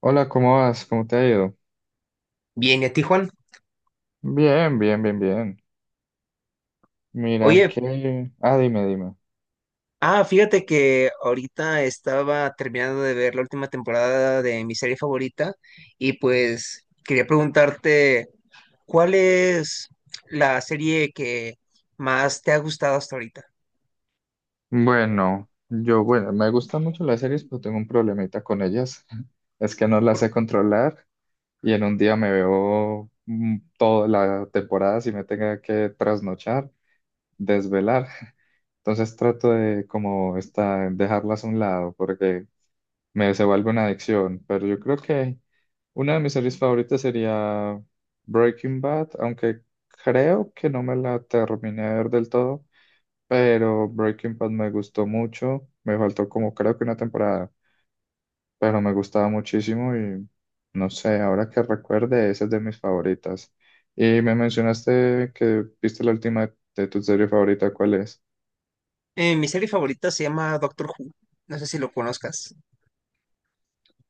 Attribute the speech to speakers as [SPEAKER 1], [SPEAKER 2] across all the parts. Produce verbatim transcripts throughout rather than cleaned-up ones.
[SPEAKER 1] Hola, ¿cómo vas? ¿Cómo te ha ido?
[SPEAKER 2] Bien, ¿y a ti, Juan?
[SPEAKER 1] Bien, bien, bien, bien. Mira
[SPEAKER 2] Oye,
[SPEAKER 1] que... Ah, dime, dime.
[SPEAKER 2] ah, fíjate que ahorita estaba terminando de ver la última temporada de mi serie favorita y pues quería preguntarte, ¿cuál es la serie que más te ha gustado hasta ahorita?
[SPEAKER 1] Bueno, yo, bueno, me gustan mucho las series, pero tengo un problemita con ellas. Es que no las
[SPEAKER 2] Por-
[SPEAKER 1] sé controlar y en un día me veo mm, toda la temporada si me tenga que trasnochar, desvelar. Entonces trato de como esta, dejarlas a un lado porque me se vuelve una adicción, pero yo creo que una de mis series favoritas sería Breaking Bad, aunque creo que no me la terminé de ver del todo, pero Breaking Bad me gustó mucho. Me faltó como creo que una temporada, pero me gustaba muchísimo y no sé, ahora que recuerde, esa es de mis favoritas. Y me mencionaste que viste la última de tu serie favorita, ¿cuál es?
[SPEAKER 2] eh, Mi serie favorita se llama Doctor Who, no sé si lo conozcas.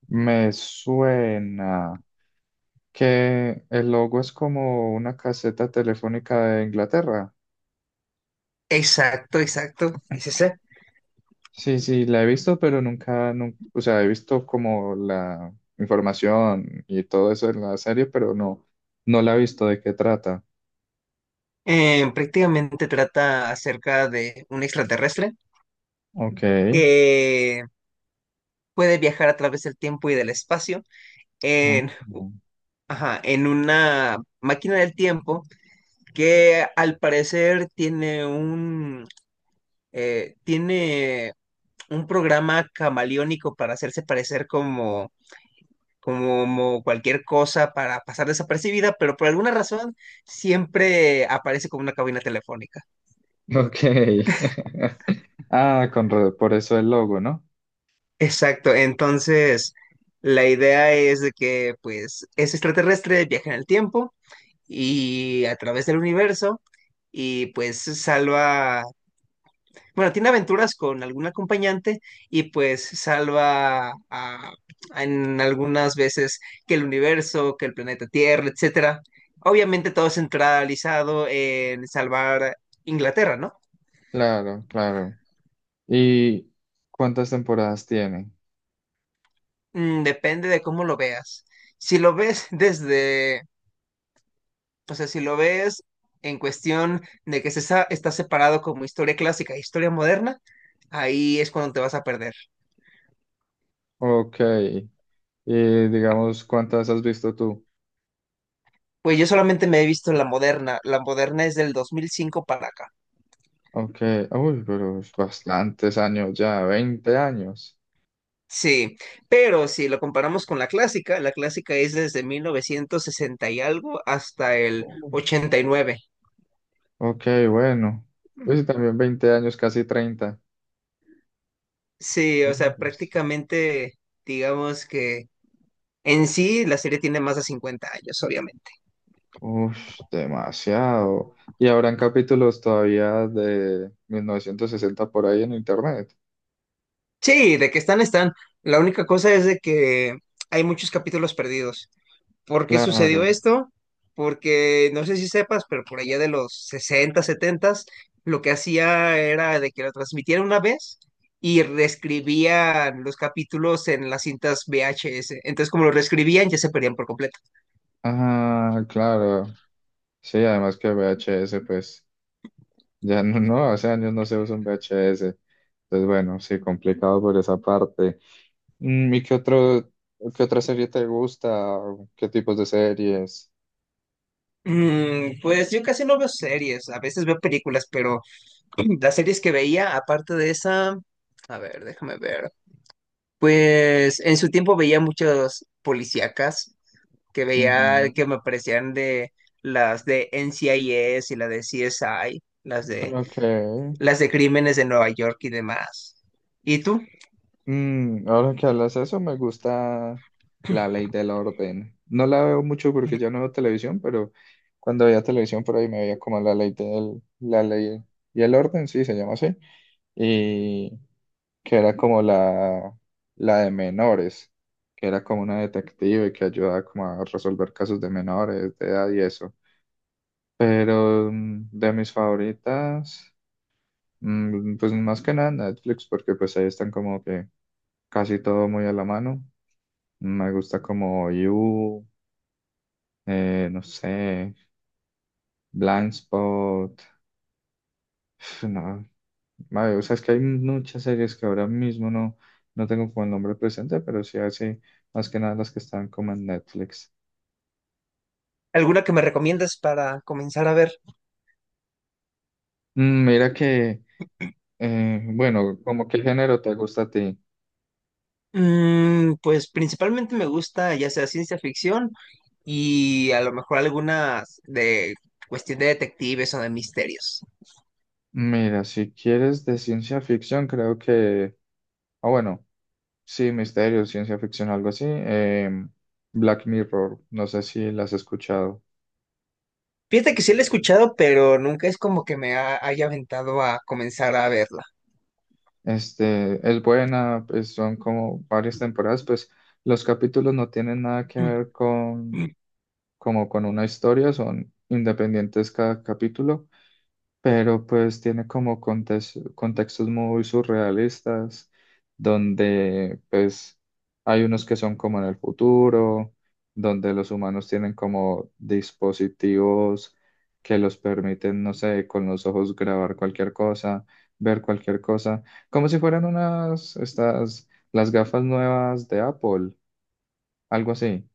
[SPEAKER 1] Me suena que el logo es como una caseta telefónica de Inglaterra.
[SPEAKER 2] Exacto, exacto, es ese.
[SPEAKER 1] Sí, sí, la he visto, pero nunca, nun- o sea, he visto como la información y todo eso en la serie, pero no, no la he visto de qué trata.
[SPEAKER 2] Eh, prácticamente trata acerca de un extraterrestre
[SPEAKER 1] Ok.
[SPEAKER 2] que puede viajar a través del tiempo y del espacio. Eh,
[SPEAKER 1] Oh, no.
[SPEAKER 2] Ajá, en una máquina del tiempo que al parecer tiene un eh, tiene un programa camaleónico para hacerse parecer como como cualquier cosa para pasar desapercibida, pero por alguna razón siempre aparece como una cabina telefónica.
[SPEAKER 1] Ok. Ah, con, ra- por eso el logo, ¿no?
[SPEAKER 2] Exacto, entonces la idea es de que pues es extraterrestre, viaja en el tiempo y a través del universo y pues salva bueno, tiene aventuras con algún acompañante y pues salva a- a- en algunas veces que el universo, que el planeta Tierra, etcétera. Obviamente todo centralizado en salvar Inglaterra, ¿no?
[SPEAKER 1] Claro, claro. ¿Y cuántas temporadas tiene?
[SPEAKER 2] Mm, depende de cómo lo veas. Si lo ves desde, o sea, si lo ves en cuestión de que se sa- está separado como historia clásica e historia moderna, ahí es cuando te vas a perder.
[SPEAKER 1] Ok. Y digamos, ¿cuántas has visto tú?
[SPEAKER 2] Pues yo solamente me he visto la moderna. La moderna es del dos mil cinco para acá.
[SPEAKER 1] Ok. Uy, pero es bastantes años ya, veinte años.
[SPEAKER 2] Sí, pero si lo comparamos con la clásica, la clásica es desde mil novecientos sesenta y algo hasta el ochenta y nueve.
[SPEAKER 1] Ok, bueno. Pues también veinte años, casi treinta.
[SPEAKER 2] Sí, o
[SPEAKER 1] Uy,
[SPEAKER 2] sea,
[SPEAKER 1] pues,
[SPEAKER 2] prácticamente digamos que en sí la serie tiene más de cincuenta años, obviamente.
[SPEAKER 1] ush, demasiado. Y habrán capítulos todavía de mil novecientos sesenta por ahí en internet.
[SPEAKER 2] Sí, de que están, están. La única cosa es de que hay muchos capítulos perdidos. ¿Por qué sucedió
[SPEAKER 1] Claro.
[SPEAKER 2] esto? Porque no sé si sepas, pero por allá de los sesenta, setenta, lo que hacía era de que lo transmitieran una vez y reescribían los capítulos en las cintas V H S. Entonces, como lo reescribían, ya se perdían por completo.
[SPEAKER 1] Ah, claro. Sí, además que V H S, pues ya no, no, hace años no se usa un V H S. Entonces, bueno, sí, complicado por esa parte. Mm, ¿y qué otro, qué otra serie te gusta? ¿Qué tipos de series?
[SPEAKER 2] Mm, pues yo casi no veo series, a veces veo películas, pero las series que veía, aparte de esa, a ver, déjame ver. Pues en su tiempo veía muchas policíacas, que veía
[SPEAKER 1] Ujú.
[SPEAKER 2] que me parecían de las de N C I S y las de C S I, las de
[SPEAKER 1] Ok.
[SPEAKER 2] las de crímenes de Nueva York y demás. ¿Y tú?
[SPEAKER 1] Mm, ahora que hablas eso, me gusta La Ley del Orden. No la veo mucho porque ya no veo televisión, pero cuando veía televisión por ahí me veía como La Ley del, La Ley y el Orden, sí, se llama así, y que era como la, la de menores, que era como una detective que ayudaba como a resolver casos de menores, de edad y eso. Pero mm, de mis favoritas, mm, pues más que nada Netflix, porque pues ahí están como que casi todo muy a la mano. Me gusta como You, eh, no sé, Blindspot. Pf, no, madre, o sea, es que hay muchas series que ahora mismo no, no tengo como el nombre presente, pero sí así, más que nada las que están como en Netflix.
[SPEAKER 2] ¿Alguna que me recomiendas para comenzar a ver?
[SPEAKER 1] Mm, mira que, eh, bueno, como qué género te gusta a ti.
[SPEAKER 2] Mm, pues principalmente me gusta ya sea ciencia ficción y a lo mejor algunas de cuestión de detectives o de misterios.
[SPEAKER 1] Mira, si quieres de ciencia ficción, creo que, ah, bueno, sí, misterio, ciencia ficción, algo así. em, Black Mirror, no sé si las has escuchado.
[SPEAKER 2] Fíjate que sí la he escuchado, pero nunca es como que me ha- haya aventado a comenzar a verla.
[SPEAKER 1] Este, es buena, pues, son como varias temporadas, pues los capítulos no tienen nada que
[SPEAKER 2] Mm,
[SPEAKER 1] ver con,
[SPEAKER 2] mm.
[SPEAKER 1] como con una historia, son independientes cada capítulo, pero pues tiene como contes- contextos muy surrealistas, donde pues hay unos que son como en el futuro, donde los humanos tienen como dispositivos que los permiten, no sé, con los ojos grabar cualquier cosa, ver cualquier cosa, como si fueran unas, estas, las gafas nuevas de Apple, algo así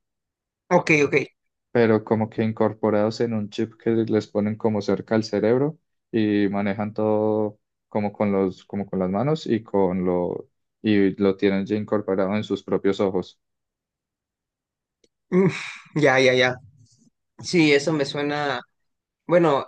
[SPEAKER 2] Ok, ok.
[SPEAKER 1] pero como que incorporados en un chip que les ponen como cerca al cerebro y manejan todo como con los, como con las manos y con lo, y lo tienen ya incorporado en sus propios ojos.
[SPEAKER 2] Mm, ya, ya, ya. Sí, eso me suena. Bueno,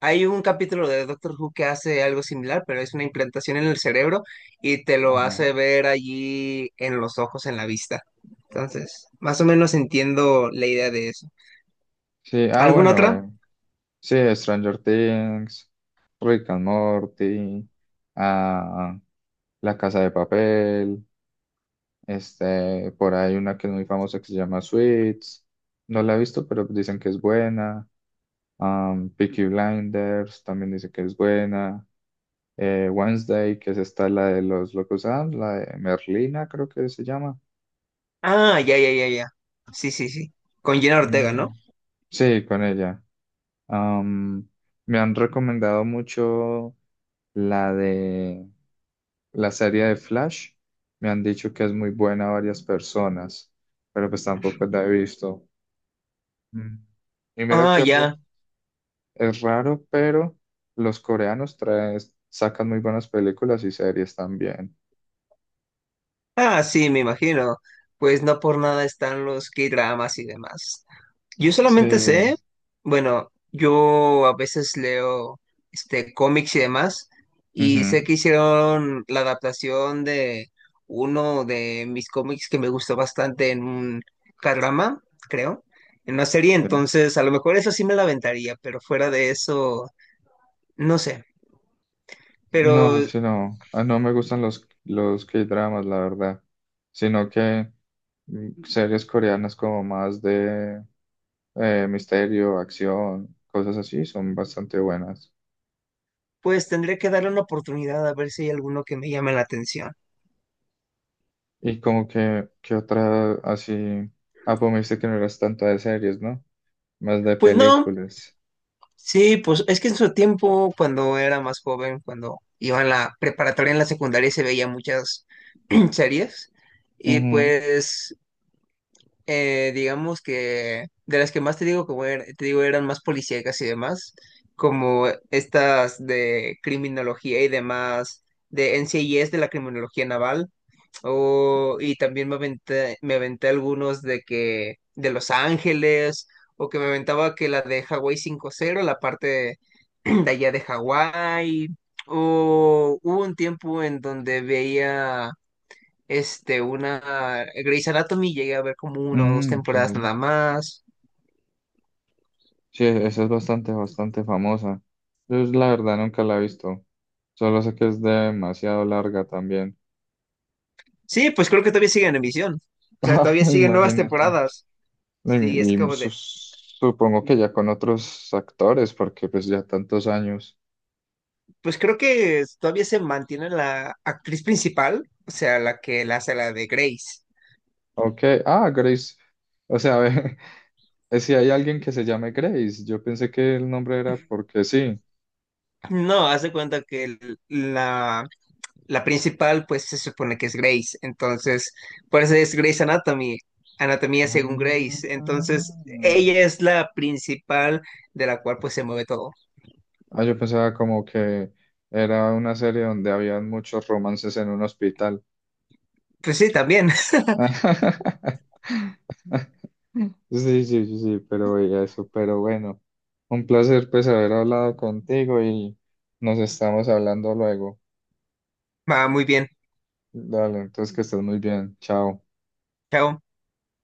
[SPEAKER 2] hay un capítulo de Doctor Who que hace algo similar, pero es una implantación en el cerebro y te lo
[SPEAKER 1] Ajá.
[SPEAKER 2] hace ver allí en los ojos, en la vista. Entonces, más o menos entiendo la idea de eso.
[SPEAKER 1] Sí, ah,
[SPEAKER 2] ¿Alguna otra?
[SPEAKER 1] bueno, sí, Stranger Things, Rick and Morty, ah, La Casa de Papel, este, por ahí una que es muy famosa que se llama Suits, no la he visto, pero dicen que es buena. Um, Peaky Blinders también dice que es buena. Eh, Wednesday, que es esta, la de los Locos Adams, la de Merlina, creo que se llama.
[SPEAKER 2] Ah, ya, ya, ya, ya. Sí, sí, sí. Con Jenna Ortega, ¿no?
[SPEAKER 1] Mm, sí, con ella. Um, me han recomendado mucho la de la serie de Flash. Me han dicho que es muy buena varias personas, pero pues tampoco la he visto. Mm. Y mira
[SPEAKER 2] Ah,
[SPEAKER 1] que re-
[SPEAKER 2] ya.
[SPEAKER 1] es raro, pero los coreanos traen, sacan muy buenas películas y series también.
[SPEAKER 2] Ah, sí, me imagino. Pues no por nada están los K-dramas y demás. Yo solamente
[SPEAKER 1] Sí.
[SPEAKER 2] sé, bueno, yo a veces leo este cómics y demás, y
[SPEAKER 1] Ujú,
[SPEAKER 2] sé que hicieron la adaptación de uno de mis cómics que me gustó bastante en un K-drama, creo, en una serie,
[SPEAKER 1] sí.
[SPEAKER 2] entonces a lo mejor eso sí me la aventaría, pero fuera de eso, no sé.
[SPEAKER 1] No,
[SPEAKER 2] Pero
[SPEAKER 1] sí, no. Ah, no me gustan los, los K-dramas, la verdad. Sino que mm, series coreanas como más de eh, misterio, acción, cosas así, son bastante buenas.
[SPEAKER 2] pues tendré que darle una oportunidad a ver si hay alguno que me llame la atención.
[SPEAKER 1] Y como que, que otra así. Ah, pues me dijiste que no eras tanto de series, ¿no? Más de
[SPEAKER 2] Pues no,
[SPEAKER 1] películas.
[SPEAKER 2] sí, pues es que en su tiempo, cuando era más joven, cuando iba en la preparatoria, en la secundaria, se veía muchas series. Y
[SPEAKER 1] Ujú.
[SPEAKER 2] pues, eh, digamos que de las que más te digo, como er- te digo, eran más policíacas y demás, como estas de criminología y demás, de N C I S de la criminología naval. O, y también me aventé, me aventé algunos de que de Los Ángeles, o que me aventaba que la de Hawái cinco cero la parte de allá de Hawái. O hubo un tiempo en donde veía este una Grey's Anatomy, llegué a ver como una o dos
[SPEAKER 1] Mm,
[SPEAKER 2] temporadas
[SPEAKER 1] ok.
[SPEAKER 2] nada más.
[SPEAKER 1] Sí, e, esa es bastante, bastante famosa. Yo es- la verdad nunca la he visto. Solo sé que es demasiado larga también.
[SPEAKER 2] Sí, pues creo que todavía siguen en emisión. O sea, todavía siguen nuevas
[SPEAKER 1] Imagínate.
[SPEAKER 2] temporadas. Sí, es
[SPEAKER 1] Y, y
[SPEAKER 2] como
[SPEAKER 1] su-
[SPEAKER 2] de,
[SPEAKER 1] supongo que ya con otros actores, porque pues ya tantos años.
[SPEAKER 2] pues creo que todavía se mantiene la actriz principal, o sea, la que la hace la de Grace.
[SPEAKER 1] Ok, ah, Grace. O sea, ve, eh, si hay alguien que se llame Grace, yo pensé que el nombre era porque sí.
[SPEAKER 2] No, haz de cuenta que el- la, la principal, pues se supone que es Grace. Entonces, por eso es Grace Anatomy, anatomía
[SPEAKER 1] Ah,
[SPEAKER 2] según Grace. Entonces, ella es la principal de la cual pues se mueve todo.
[SPEAKER 1] ah, yo pensaba como que era una serie donde habían muchos romances en un hospital.
[SPEAKER 2] Pues sí, también.
[SPEAKER 1] Sí, sí, sí, sí, pero y eso, pero bueno, un placer pues haber hablado contigo y nos estamos hablando luego.
[SPEAKER 2] Va muy bien.
[SPEAKER 1] Dale, entonces que estés muy bien, chao.
[SPEAKER 2] Chao.